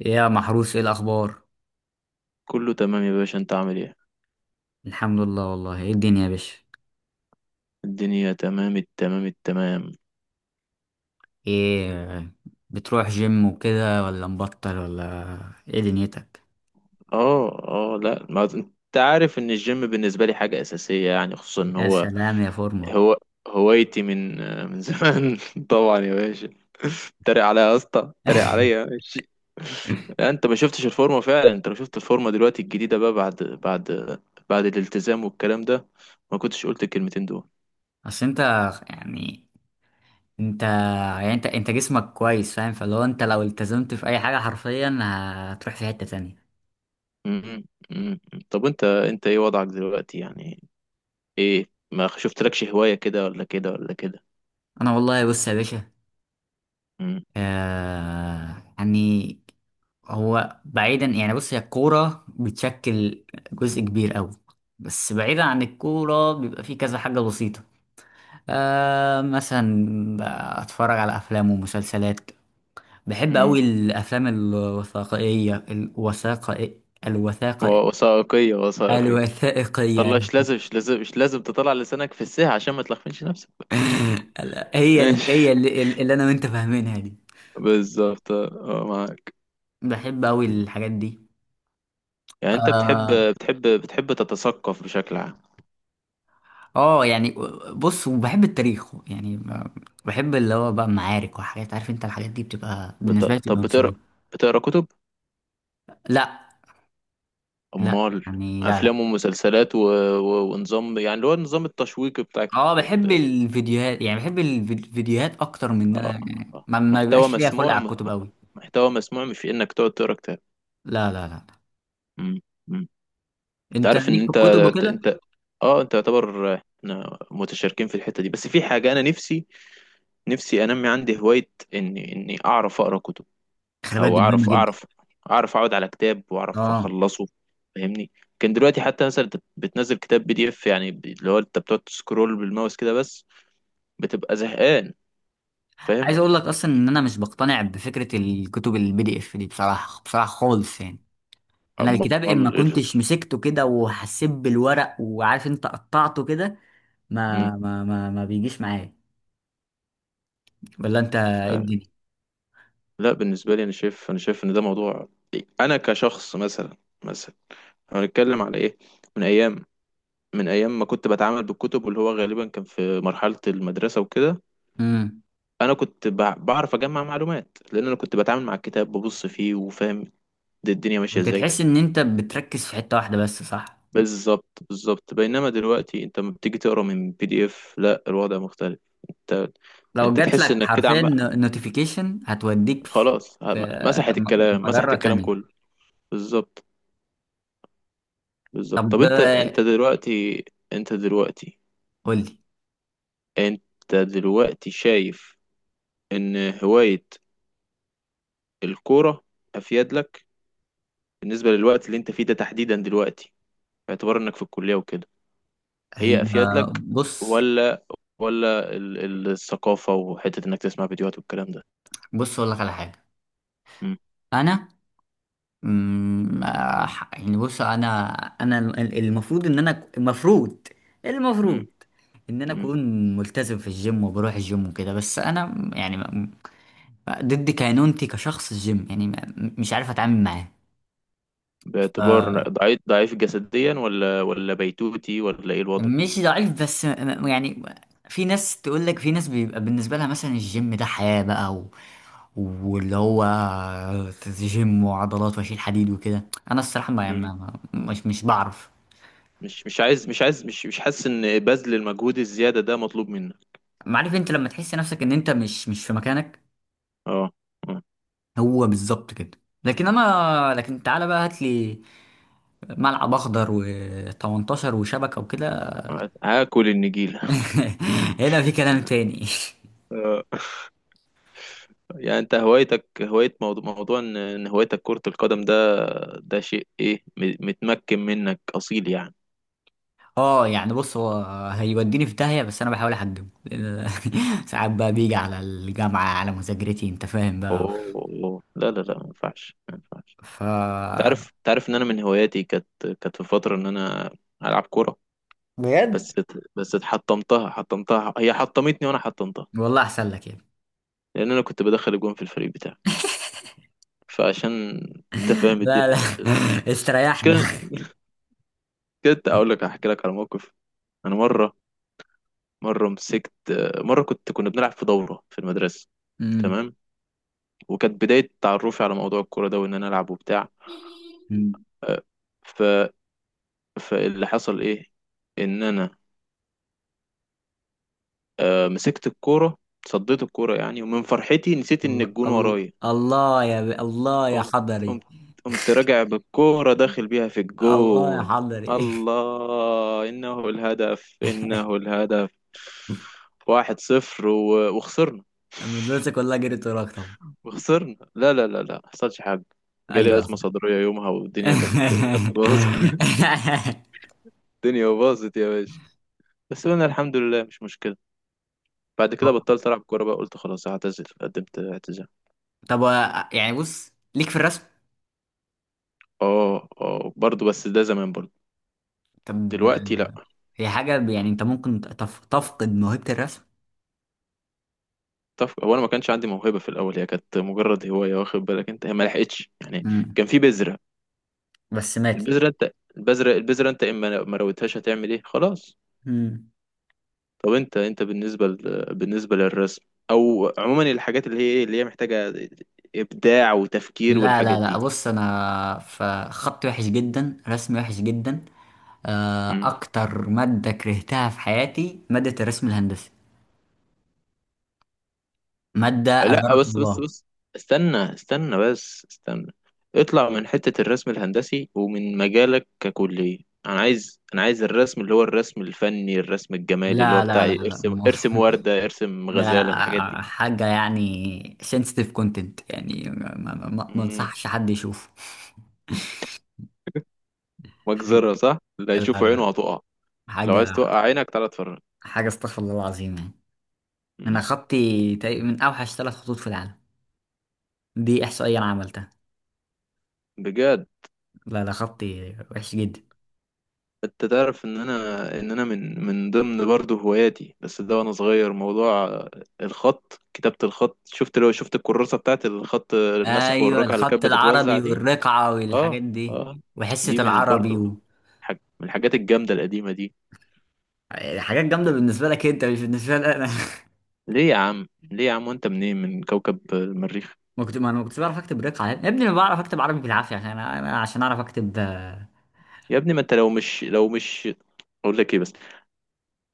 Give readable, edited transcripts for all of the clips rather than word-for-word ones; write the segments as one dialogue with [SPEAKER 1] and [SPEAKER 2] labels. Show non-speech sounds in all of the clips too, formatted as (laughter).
[SPEAKER 1] يا محروس، ايه الاخبار؟
[SPEAKER 2] كله تمام يا باشا، انت عامل ايه؟
[SPEAKER 1] الحمد لله. والله ايه الدنيا يا باشا؟
[SPEAKER 2] الدنيا تمام التمام التمام.
[SPEAKER 1] ايه؟ بتروح جيم وكده ولا مبطل ولا؟ ايه دنيتك؟
[SPEAKER 2] اه، اه، لا، ما انت عارف ان الجيم بالنسبه لي حاجه اساسيه يعني، خصوصا ان
[SPEAKER 1] يا
[SPEAKER 2] هو
[SPEAKER 1] سلام يا فورمة!
[SPEAKER 2] هو هوايتي من زمان. (laughs) طبعا يا باشا. اتريق عليا يا اسطى، اتريق
[SPEAKER 1] (laughs)
[SPEAKER 2] عليا، ماشي. لا، انت ما شفتش الفورمه فعلا. انت لو شفت الفورمه دلوقتي الجديده بقى، بعد الالتزام والكلام ده، ما كنتش قلت الكلمتين دول.
[SPEAKER 1] اصل انت يعني انت يعني انت انت جسمك كويس، فاهم؟ فلو انت لو التزمت في اي حاجة حرفيا هتروح في حتة تانية.
[SPEAKER 2] م- م- م- م. طب انت ايه وضعك دلوقتي يعني؟ ايه، ما شفتلكش هواية كده ولا كده ولا كده؟
[SPEAKER 1] انا والله، بص يا باشا.
[SPEAKER 2] امم
[SPEAKER 1] آه يعني هو، بعيدا، يعني بص، هي الكورة بتشكل جزء كبير أوي. بس بعيدا عن الكورة بيبقى فيه كذا حاجة بسيطة. مثلا، أتفرج على أفلام ومسلسلات. بحب
[SPEAKER 2] امم
[SPEAKER 1] أوي الأفلام الوثائقية. الوثائق
[SPEAKER 2] وثائقية وثائقية.
[SPEAKER 1] الوثائقية
[SPEAKER 2] طلع،
[SPEAKER 1] يعني.
[SPEAKER 2] مش لازم مش لازم مش لازم تطلع لسانك في الساحة عشان ما تلخفنش نفسك.
[SPEAKER 1] (laughs) هي ال-
[SPEAKER 2] ماشي.
[SPEAKER 1] هي اللي, اللي أنا وأنت فاهمينها دي.
[SPEAKER 2] (laughs) بالظبط، اه، آه، معاك.
[SPEAKER 1] بحب أوي الحاجات دي.
[SPEAKER 2] يعني انت بتحب
[SPEAKER 1] آه.
[SPEAKER 2] بتحب بتحب تتثقف بشكل عام.
[SPEAKER 1] اه يعني بص، وبحب التاريخ يعني بحب اللي هو بقى معارك وحاجات، عارف انت الحاجات دي بتبقى بالنسبه لي
[SPEAKER 2] طب
[SPEAKER 1] بتبقى
[SPEAKER 2] بتقرا
[SPEAKER 1] مسليه.
[SPEAKER 2] بتقرا كتب؟
[SPEAKER 1] لا. لا،
[SPEAKER 2] امال،
[SPEAKER 1] يعني، لا، لا.
[SPEAKER 2] افلام ومسلسلات ونظام، يعني اللي هو النظام التشويقي بتاعك،
[SPEAKER 1] اه، بحب
[SPEAKER 2] اه.
[SPEAKER 1] الفيديوهات، يعني بحب الفيديوهات اكتر من ان انا،
[SPEAKER 2] آه.
[SPEAKER 1] يعني
[SPEAKER 2] آه.
[SPEAKER 1] ما
[SPEAKER 2] محتوى
[SPEAKER 1] بيبقاش ليا خلق على
[SPEAKER 2] مسموع،
[SPEAKER 1] الكتب قوي.
[SPEAKER 2] محتوى مسموع، مش انك تقعد تقرا كتاب.
[SPEAKER 1] لا، لا، لا.
[SPEAKER 2] امم.
[SPEAKER 1] انت
[SPEAKER 2] تعرف ان
[SPEAKER 1] ليك في الكتب وكده.
[SPEAKER 2] انت اه انت يعتبر، احنا متشاركين في الحتة دي، بس في حاجة انا نفسي انمي عندي هواية اني اعرف اقرا كتب،
[SPEAKER 1] خلي بالك،
[SPEAKER 2] او
[SPEAKER 1] دي مهمه جدا.
[SPEAKER 2] اعرف اقعد على كتاب واعرف
[SPEAKER 1] اه.
[SPEAKER 2] اخلصه، فاهمني؟ كان دلوقتي حتى مثلا، انت بتنزل كتاب بي دي اف يعني، اللي هو انت بتقعد تسكرول بالماوس كده بس، بتبقى زهقان، فاهم؟
[SPEAKER 1] عايز اقول لك اصلا ان انا مش بقتنع بفكره الكتب البي دي اف دي، بصراحه بصراحه خالص يعني. انا
[SPEAKER 2] امال
[SPEAKER 1] الكتاب، اما
[SPEAKER 2] ايه
[SPEAKER 1] كنتش
[SPEAKER 2] الفكرة؟
[SPEAKER 1] مسكته كده وحسيت بالورق، وعارف انت قطعته كده.
[SPEAKER 2] مم.
[SPEAKER 1] ما بيجيش معايا. ولا انت،
[SPEAKER 2] ف...
[SPEAKER 1] ايه الدنيا؟
[SPEAKER 2] لا، بالنسبة لي انا شايف، انا شايف ان ده موضوع، انا كشخص مثلا، مثلا هنتكلم على ايه، من ايام، من ايام ما كنت بتعامل بالكتب، واللي هو غالبا كان في مرحله المدرسه وكده.
[SPEAKER 1] امم
[SPEAKER 2] انا كنت بعرف اجمع معلومات، لان انا كنت بتعامل مع الكتاب ببص فيه وفاهم الدنيا ماشيه
[SPEAKER 1] كنت
[SPEAKER 2] ازاي.
[SPEAKER 1] تحس ان انت بتركز في حتة واحدة بس، صح؟
[SPEAKER 2] بالظبط بالظبط، بينما دلوقتي انت لما بتيجي تقرا من بي دي اف، لا، الوضع مختلف. انت
[SPEAKER 1] لو
[SPEAKER 2] انت
[SPEAKER 1] جات
[SPEAKER 2] تحس
[SPEAKER 1] لك
[SPEAKER 2] انك كده
[SPEAKER 1] حرفيا
[SPEAKER 2] عم،
[SPEAKER 1] نوتيفيكيشن هتوديك في
[SPEAKER 2] خلاص،
[SPEAKER 1] في
[SPEAKER 2] مسحت الكلام، مسحت
[SPEAKER 1] مجرة
[SPEAKER 2] الكلام
[SPEAKER 1] تانية.
[SPEAKER 2] كله. بالظبط بالظبط. طب
[SPEAKER 1] طب،
[SPEAKER 2] انت انت دلوقتي انت دلوقتي
[SPEAKER 1] قول لي.
[SPEAKER 2] انت دلوقتي شايف ان هوايه الكوره افيد لك بالنسبة للوقت اللي انت فيه ده تحديدا دلوقتي، باعتبار انك في الكلية وكده؟
[SPEAKER 1] هي،
[SPEAKER 2] هي افيد لك،
[SPEAKER 1] بص
[SPEAKER 2] ولا الثقافة وحتة انك تسمع فيديوهات والكلام ده؟
[SPEAKER 1] بص، اقول لك على حاجة.
[SPEAKER 2] مم.
[SPEAKER 1] انا، مم، آه، يعني بص انا، انا ال- المفروض ان انا المفروض المفروض
[SPEAKER 2] مم.
[SPEAKER 1] ان انا
[SPEAKER 2] مم.
[SPEAKER 1] اكون ملتزم في الجيم وبروح الجيم وكده، بس انا يعني ضد كينونتي كشخص. الجيم يعني مش عارف اتعامل معاه.
[SPEAKER 2] باعتبار
[SPEAKER 1] ف-
[SPEAKER 2] ضعيف ضعيف جسديا، ولا بيتوتي، ولا ايه الوضع؟
[SPEAKER 1] مش ضعيف، بس يعني في ناس تقول لك، في ناس بيبقى بالنسبه لها مثلا الجيم ده حياه بقى، و... واللي هو جيم وعضلات واشيل حديد وكده. انا الصراحه، ما ما-
[SPEAKER 2] مم.
[SPEAKER 1] ما- مش مش بعرف.
[SPEAKER 2] مش عايز مش عايز مش حاسس ان بذل المجهود الزيادة ده مطلوب منك.
[SPEAKER 1] عارف انت، لما تحس نفسك ان انت مش في مكانك.
[SPEAKER 2] اه، آه.
[SPEAKER 1] هو بالظبط كده. لكن تعالى بقى هات لي ملعب اخضر و18 وشبكه وكده.
[SPEAKER 2] آه. هاكل النجيلة.
[SPEAKER 1] (laughs) هنا في كلام تاني. (laughs)
[SPEAKER 2] (laughs) يعني انت هوايتك هواية موضوع ان هوايتك كرة القدم ده، ده شيء ايه متمكن منك اصيل يعني.
[SPEAKER 1] اه، يعني بص هو هيوديني في داهية، بس انا بحاول احجمه لأن (laughs) ساعات بقى بيجي على الجامعة، على مذاكرتي، انت فاهم بقى.
[SPEAKER 2] اوه، لا لا لا، ما ينفعش ما ينفعش.
[SPEAKER 1] ف
[SPEAKER 2] تعرف ان انا من هواياتي كانت، كانت في فترة ان انا العب كورة،
[SPEAKER 1] بجد؟
[SPEAKER 2] بس بس حطمتها، هي حطمتني وانا حطمتها،
[SPEAKER 1] والله احسن لك يعني.
[SPEAKER 2] لان انا كنت بدخل الجون في الفريق بتاعي، فعشان، (laughs) انت
[SPEAKER 1] (laughs)
[SPEAKER 2] فاهم
[SPEAKER 1] لا، لا.
[SPEAKER 2] الدنيا ماشية ازاي؟
[SPEAKER 1] (laughs)
[SPEAKER 2] مش
[SPEAKER 1] استريحنا.
[SPEAKER 2] كده؟ كده اقول لك، احكي لك على موقف. انا مرة، مرة مسكت مرة كنا بنلعب في دورة في المدرسة،
[SPEAKER 1] أمم.
[SPEAKER 2] تمام، وكانت بداية تعرفي على موضوع الكورة ده، وإن أنا ألعب وبتاع.
[SPEAKER 1] أمم.
[SPEAKER 2] آه، ف... فاللي حصل إيه؟ إن أنا، مسكت الكورة، صديت الكورة يعني، ومن فرحتي نسيت إن
[SPEAKER 1] الله،
[SPEAKER 2] الجون
[SPEAKER 1] الله،
[SPEAKER 2] ورايا،
[SPEAKER 1] الله يا الله يا
[SPEAKER 2] قمت
[SPEAKER 1] حضري!
[SPEAKER 2] قمت قمت راجع بالكورة داخل بيها في
[SPEAKER 1] الله يا
[SPEAKER 2] الجون.
[SPEAKER 1] حضري!
[SPEAKER 2] الله، إنه الهدف، إنه الهدف، واحد صفر، وخسرنا،
[SPEAKER 1] (laughs) المدرسة كلها جريت وراك طبعا.
[SPEAKER 2] وخسرنا، لا لا لا لا، ما حصلش حاجة. جالي
[SPEAKER 1] ايوه.
[SPEAKER 2] أزمة صدرية يومها، والدنيا كانت باظت. (laughs)
[SPEAKER 1] (laughs)
[SPEAKER 2] الدنيا باظت يا باشا. بس أنا الحمد لله، مش مشكلة. بعد كده بطلت ألعب كورة بقى، قلت خلاص هعتزل، قدمت اعتزال.
[SPEAKER 1] طب، يعني بص، ليك في الرسم؟
[SPEAKER 2] اه، اه، برضه، بس ده زمان برضه،
[SPEAKER 1] طب،
[SPEAKER 2] دلوقتي لا.
[SPEAKER 1] هي حاجة يعني انت ممكن تفقد موهبة الرسم.
[SPEAKER 2] طف، هو انا ما كانش عندي موهبة في الأول، هي كانت مجرد هواية، واخد بالك أنت؟ هي ما لحقتش يعني،
[SPEAKER 1] مم.
[SPEAKER 2] كان في بذرة.
[SPEAKER 1] بس ماتت.
[SPEAKER 2] البذرة أنت، البذرة أنت إما ما رويتهاش هتعمل إيه، خلاص.
[SPEAKER 1] مم.
[SPEAKER 2] طب انت، بالنسبه للرسم او عموما الحاجات اللي هي ايه، اللي هي محتاجه ابداع وتفكير
[SPEAKER 1] لا،
[SPEAKER 2] والحاجات
[SPEAKER 1] لا، لا،
[SPEAKER 2] دي.
[SPEAKER 1] بص انا في خط وحش جدا، رسم وحش جدا.
[SPEAKER 2] مم.
[SPEAKER 1] اكتر مادة كرهتها في حياتي مادة الرسم الهندسي. مادة
[SPEAKER 2] لا،
[SPEAKER 1] اجرك
[SPEAKER 2] بس بس
[SPEAKER 1] الله.
[SPEAKER 2] بس استنى استنى بس استنى، اطلع من حته الرسم الهندسي ومن مجالك ككليه. انا عايز، الرسم اللي هو الرسم الفني، الرسم الجمالي، اللي هو
[SPEAKER 1] لا،
[SPEAKER 2] بتاع
[SPEAKER 1] لا، لا،
[SPEAKER 2] ايه؟
[SPEAKER 1] لا،
[SPEAKER 2] ارسم، ارسم ورده،
[SPEAKER 1] (laughs)
[SPEAKER 2] ارسم
[SPEAKER 1] ده
[SPEAKER 2] غزاله، الحاجات دي.
[SPEAKER 1] حاجة يعني sensitive content يعني، ما
[SPEAKER 2] مم.
[SPEAKER 1] انصحش حد يشوفه. (laughs) حاجة-
[SPEAKER 2] مجزره صح، اللي
[SPEAKER 1] لا،
[SPEAKER 2] هيشوف عينه
[SPEAKER 1] لا،
[SPEAKER 2] هتقع. لو عايز
[SPEAKER 1] حاجة،
[SPEAKER 2] توقع عينك تعالى اتفرج.
[SPEAKER 1] حاجة استغفر الله العظيم يعني. انا
[SPEAKER 2] مم.
[SPEAKER 1] خطي تقريبا من اوحش 3 خطوط في العالم. دي احصائيه انا عملتها.
[SPEAKER 2] بجد؟
[SPEAKER 1] لا، ده خطي وحش جدا.
[SPEAKER 2] انت تعرف ان انا، ان انا من ضمن برضه هواياتي بس ده وانا صغير، موضوع الخط، كتابة الخط، لو شفت الكراسة بتاعت الخط النسخ
[SPEAKER 1] ايوه،
[SPEAKER 2] والرقعة اللي
[SPEAKER 1] الخط
[SPEAKER 2] كانت بتتوزع
[SPEAKER 1] العربي
[SPEAKER 2] دي.
[SPEAKER 1] والرقعه
[SPEAKER 2] اه.
[SPEAKER 1] والحاجات دي.
[SPEAKER 2] اه.
[SPEAKER 1] وحصه
[SPEAKER 2] دي من
[SPEAKER 1] العربي
[SPEAKER 2] برضه
[SPEAKER 1] و...
[SPEAKER 2] حاج من الحاجات الجامدة القديمة دي.
[SPEAKER 1] حاجات جامده بالنسبه لك انت، مش بالنسبه لي انا.
[SPEAKER 2] ليه يا عم، ليه يا عم، وانت منين، من كوكب المريخ؟
[SPEAKER 1] (laughs) ما كنت ما انا ما كنتش بعرف اكتب رقعه يا ابني، انا بعرف اكتب عربي بالعافيه، عشان انا عشان اعرف اكتب
[SPEAKER 2] يا ابني، ما انت لو مش، اقول لك ايه بس،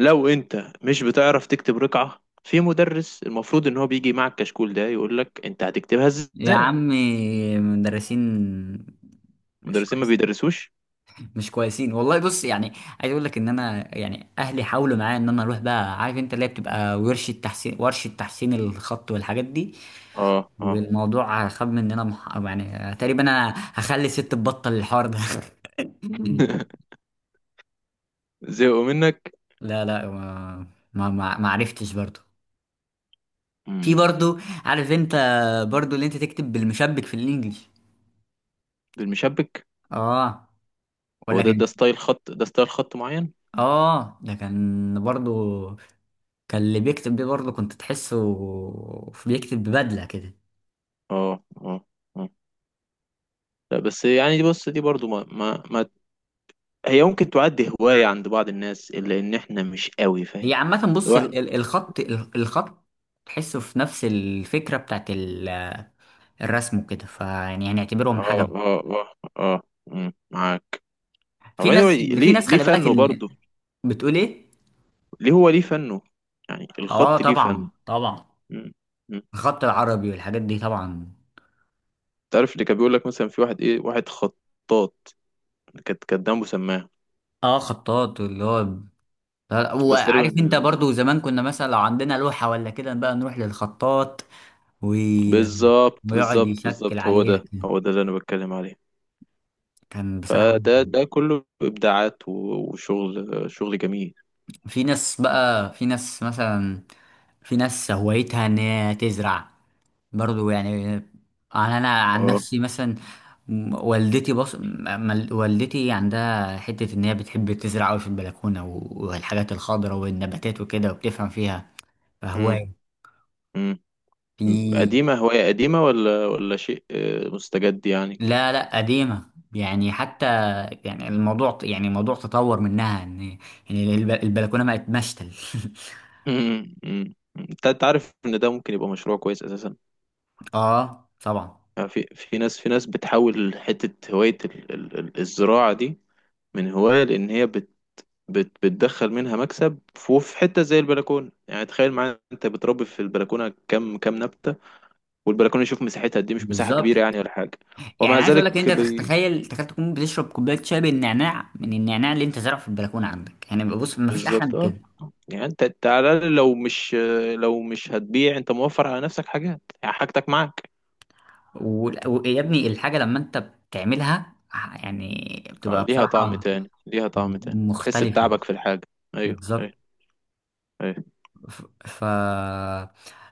[SPEAKER 2] لو انت مش بتعرف تكتب رقعة، في مدرس المفروض ان هو بيجي مع الكشكول ده يقول لك انت هتكتبها
[SPEAKER 1] يا
[SPEAKER 2] ازاي.
[SPEAKER 1] عمي، مدرسين مش
[SPEAKER 2] المدرسين ما
[SPEAKER 1] كويسين.
[SPEAKER 2] بيدرسوش.
[SPEAKER 1] مش كويسين والله، بص يعني عايز اقول لك ان انا يعني اهلي حاولوا معايا ان انا اروح بقى عارف انت اللي هي بتبقى ورشه تحسين الخط والحاجات دي.
[SPEAKER 2] اه. اه.
[SPEAKER 1] والموضوع خاب مننا يعني تقريبا انا هخلي ست تبطل الحوار ده. (laughs)
[SPEAKER 2] (laughs) زهقوا منك.
[SPEAKER 1] لا، لا، ما عرفتش برضو. في
[SPEAKER 2] امم.
[SPEAKER 1] برضو، عارف انت، برضو اللي انت تكتب بالمشبك في الانجليش.
[SPEAKER 2] بالمشبك؟
[SPEAKER 1] اه.
[SPEAKER 2] هو
[SPEAKER 1] ولا
[SPEAKER 2] ده،
[SPEAKER 1] كان؟
[SPEAKER 2] ستايل خط، ده ستايل خط معين.
[SPEAKER 1] اه، ده كان برضو، كان اللي بيكتب بيه برضو كنت تحسه بيكتب ببدله كده.
[SPEAKER 2] اه، اه، اه. لا بس يعني دي، بص دي برضو، ما هي ممكن تعد هواية عند بعض الناس، إلا إن إحنا مش قوي فاهم
[SPEAKER 1] هي عامة بص،
[SPEAKER 2] الواحد.
[SPEAKER 1] الخط تحسه في نفس الفكرة بتاعت الرسم وكده، فيعني هنعتبرهم
[SPEAKER 2] اه،
[SPEAKER 1] حاجة.
[SPEAKER 2] اه، اه، اه، مم، معاك. هو anyway،
[SPEAKER 1] في
[SPEAKER 2] ليه
[SPEAKER 1] ناس
[SPEAKER 2] ليه
[SPEAKER 1] خلي بالك
[SPEAKER 2] فنه
[SPEAKER 1] اللي
[SPEAKER 2] برضه؟
[SPEAKER 1] بتقول ايه؟
[SPEAKER 2] ليه فنه؟ يعني
[SPEAKER 1] اه،
[SPEAKER 2] الخط ليه فن؟
[SPEAKER 1] طبعا، طبعا.
[SPEAKER 2] مم. مم.
[SPEAKER 1] الخط العربي والحاجات دي طبعا.
[SPEAKER 2] تعرف اللي كان بيقول لك مثلا في واحد ايه، واحد خطاط، كانت دمه سماعة.
[SPEAKER 1] اه، خطاط اللي هو
[SPEAKER 2] بس
[SPEAKER 1] وعارف
[SPEAKER 2] تقريبا،
[SPEAKER 1] انت، برضو زمان كنا مثلا لو عندنا لوحة ولا كده بقى نروح للخطاط و...
[SPEAKER 2] بالظبط
[SPEAKER 1] ويقعد
[SPEAKER 2] بالظبط
[SPEAKER 1] يشكل
[SPEAKER 2] بالظبط، هو
[SPEAKER 1] عليها
[SPEAKER 2] ده
[SPEAKER 1] كده.
[SPEAKER 2] هو ده اللي انا بتكلم عليه.
[SPEAKER 1] كان بصراحة
[SPEAKER 2] فده كله ابداعات، وشغل، شغل جميل.
[SPEAKER 1] في ناس بقى، في ناس مثلا، في ناس هوايتها ان هي تزرع، برضو يعني. انا عن
[SPEAKER 2] اه،
[SPEAKER 1] نفسي مثلا والدتي، بص، والدتي عندها حتة ان هي بتحب تزرع قوي في البلكونة والحاجات الخضراء والنباتات وكده وبتفهم فيها.
[SPEAKER 2] امم،
[SPEAKER 1] فهواية،
[SPEAKER 2] امم.
[SPEAKER 1] في،
[SPEAKER 2] قديمه، هوايه قديمه، ولا شيء مستجد يعني؟
[SPEAKER 1] لا، لا، قديمة. يعني حتى يعني الموضوع تطور منها ان يعني البلكونة بقت مشتل.
[SPEAKER 2] (laughs) امم، امم. انت عارف ان ده ممكن يبقى مشروع كويس اساسا؟
[SPEAKER 1] (laughs) اه طبعا.
[SPEAKER 2] في، في ناس بتحول حته هوايه الزراعه دي من هوايه، لان هي بت بت بتدخل منها مكسب، في في حته زي البلكونه، يعني تخيل معايا انت بتربي في البلكونه كم نبته، والبلكونه يشوف مساحتها قد ايه، مش مساحه
[SPEAKER 1] بالظبط،
[SPEAKER 2] كبيره يعني ولا حاجه. ومع
[SPEAKER 1] يعني عايز اقول لك
[SPEAKER 2] ذلك
[SPEAKER 1] ان انت تخ- تخيل تخيل تكون بتشرب كوبايه شاي بالنعناع من النعناع اللي انت زرعه في البلكونه عندك، يعني بص، ما فيش احلى من
[SPEAKER 2] بالظبط، اه.
[SPEAKER 1] كده.
[SPEAKER 2] يعني انت على الاقل، لو مش، هتبيع، انت موفر على نفسك حاجات يعني، حاجتك معاك.
[SPEAKER 1] ويا ابني، الحاجه لما انت بتعملها يعني
[SPEAKER 2] اه،
[SPEAKER 1] بتبقى
[SPEAKER 2] ليها طعم
[SPEAKER 1] بصراحه
[SPEAKER 2] تاني، ليها طعم تاني، تحس
[SPEAKER 1] مختلفه.
[SPEAKER 2] بتعبك في الحاجه. ايوه،
[SPEAKER 1] بالظبط.
[SPEAKER 2] ايوه، ايوه.
[SPEAKER 1] ف ف-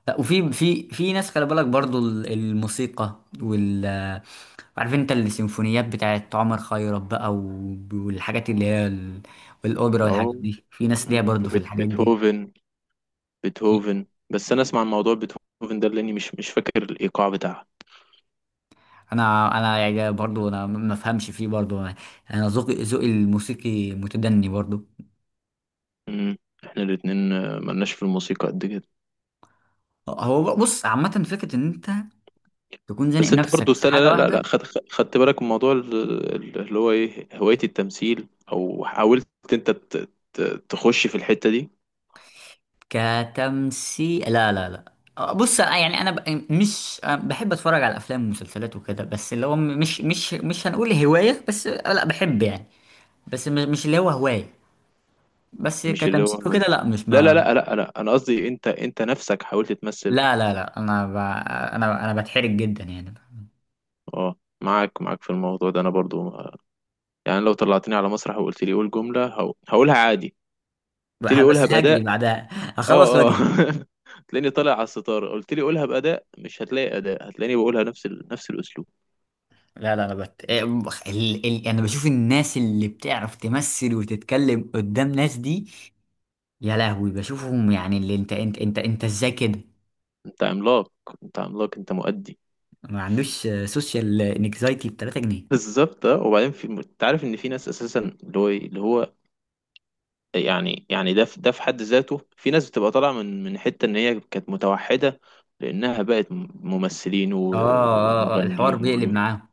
[SPEAKER 1] لا، وفي في ناس، خلي بالك برضو الموسيقى وال، عارف انت، السيمفونيات بتاعت عمر خيرت بقى والحاجات اللي هي والاوبرا والحاجات
[SPEAKER 2] اه،
[SPEAKER 1] دي، في ناس ليها
[SPEAKER 2] مم.
[SPEAKER 1] برضو في الحاجات دي.
[SPEAKER 2] بيتهوفن، بس انا اسمع عن موضوع بيتهوفن ده، لاني مش فاكر الايقاع بتاعها.
[SPEAKER 1] انا يعني برضو، انا ما افهمش فيه برضو، انا ذوقي الموسيقي متدني برضو.
[SPEAKER 2] مم. احنا الاتنين، ملناش في الموسيقى قد كده.
[SPEAKER 1] هو بص، عامه فكره ان انت تكون زانق
[SPEAKER 2] بس انت برضو
[SPEAKER 1] نفسك في
[SPEAKER 2] استنى،
[SPEAKER 1] حاجه
[SPEAKER 2] لا لا لا،
[SPEAKER 1] واحده.
[SPEAKER 2] خد، خدت بالك من موضوع اللي هو ايه، هواية التمثيل، او حاولت انت تخش في الحتة دي؟
[SPEAKER 1] كتمثيل؟ لا، لا، لا، بص أنا يعني انا مش بحب اتفرج على افلام ومسلسلات وكده، بس اللي هو مش هنقول هوايه، بس لا بحب يعني، بس مش اللي هو هوايه. بس
[SPEAKER 2] مش اللي هو،
[SPEAKER 1] كتمثيل وكده لا، مش
[SPEAKER 2] لا لا
[SPEAKER 1] ما
[SPEAKER 2] لا لا لا، انا قصدي انت، انت نفسك حاولت تمثل؟
[SPEAKER 1] لا، لا، لا، انا انا بتحرج جدا يعني.
[SPEAKER 2] اه، معاك، معاك في الموضوع ده انا برضو، يعني لو طلعتني على مسرح وقلت لي قول جملة، هقولها عادي، قلت لي قولها
[SPEAKER 1] بس هجري
[SPEAKER 2] بأداء،
[SPEAKER 1] بعدها، هخلص
[SPEAKER 2] اه، اه.
[SPEAKER 1] واجري.
[SPEAKER 2] (laughs) هتلاقيني طالع على الستارة، قلت لي قولها بأداء، مش هتلاقي أداء، هتلاقيني بقولها نفس نفس الأسلوب.
[SPEAKER 1] لا، لا، انا بت... إيه، بخ- ال... ال... انا بشوف الناس اللي بتعرف تمثل وتتكلم قدام ناس دي، يا لهوي بشوفهم، يعني اللي انت، ازاي كده؟
[SPEAKER 2] انت عملاق، انت عملاق، انت مؤدي.
[SPEAKER 1] ما عندوش سوشيال انكزايتي ب 3 جنيه.
[SPEAKER 2] بالظبط، اه. وبعدين في، انت عارف ان في ناس اساسا اللي هو اللي هو يعني، ده في، حد ذاته في ناس بتبقى طالعه من حته ان هي كانت متوحده، لانها بقت ممثلين،
[SPEAKER 1] اه، اه، آه، الحوار
[SPEAKER 2] ومغنيين
[SPEAKER 1] بيقلب
[SPEAKER 2] وغيره،
[SPEAKER 1] معاهم.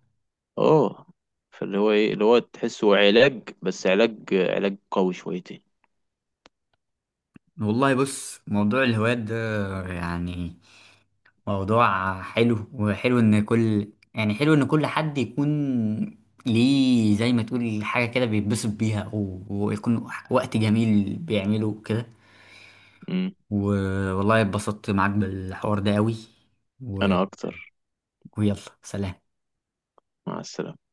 [SPEAKER 2] اه، فاللي هو ايه، اللي هو تحسه علاج، بس علاج، علاج قوي شويتين.
[SPEAKER 1] والله، بص موضوع الهوايات ده، يعني موضوع حلو، وحلو ان كل حد يكون ليه، زي ما تقول حاجة كده بيتبسط بيها ويكون وقت جميل بيعمله كده.
[SPEAKER 2] امم.
[SPEAKER 1] والله اتبسطت معاك بالحوار ده قوي. و...
[SPEAKER 2] انا اكتر.
[SPEAKER 1] ويلا، سلام.
[SPEAKER 2] مع السلامه.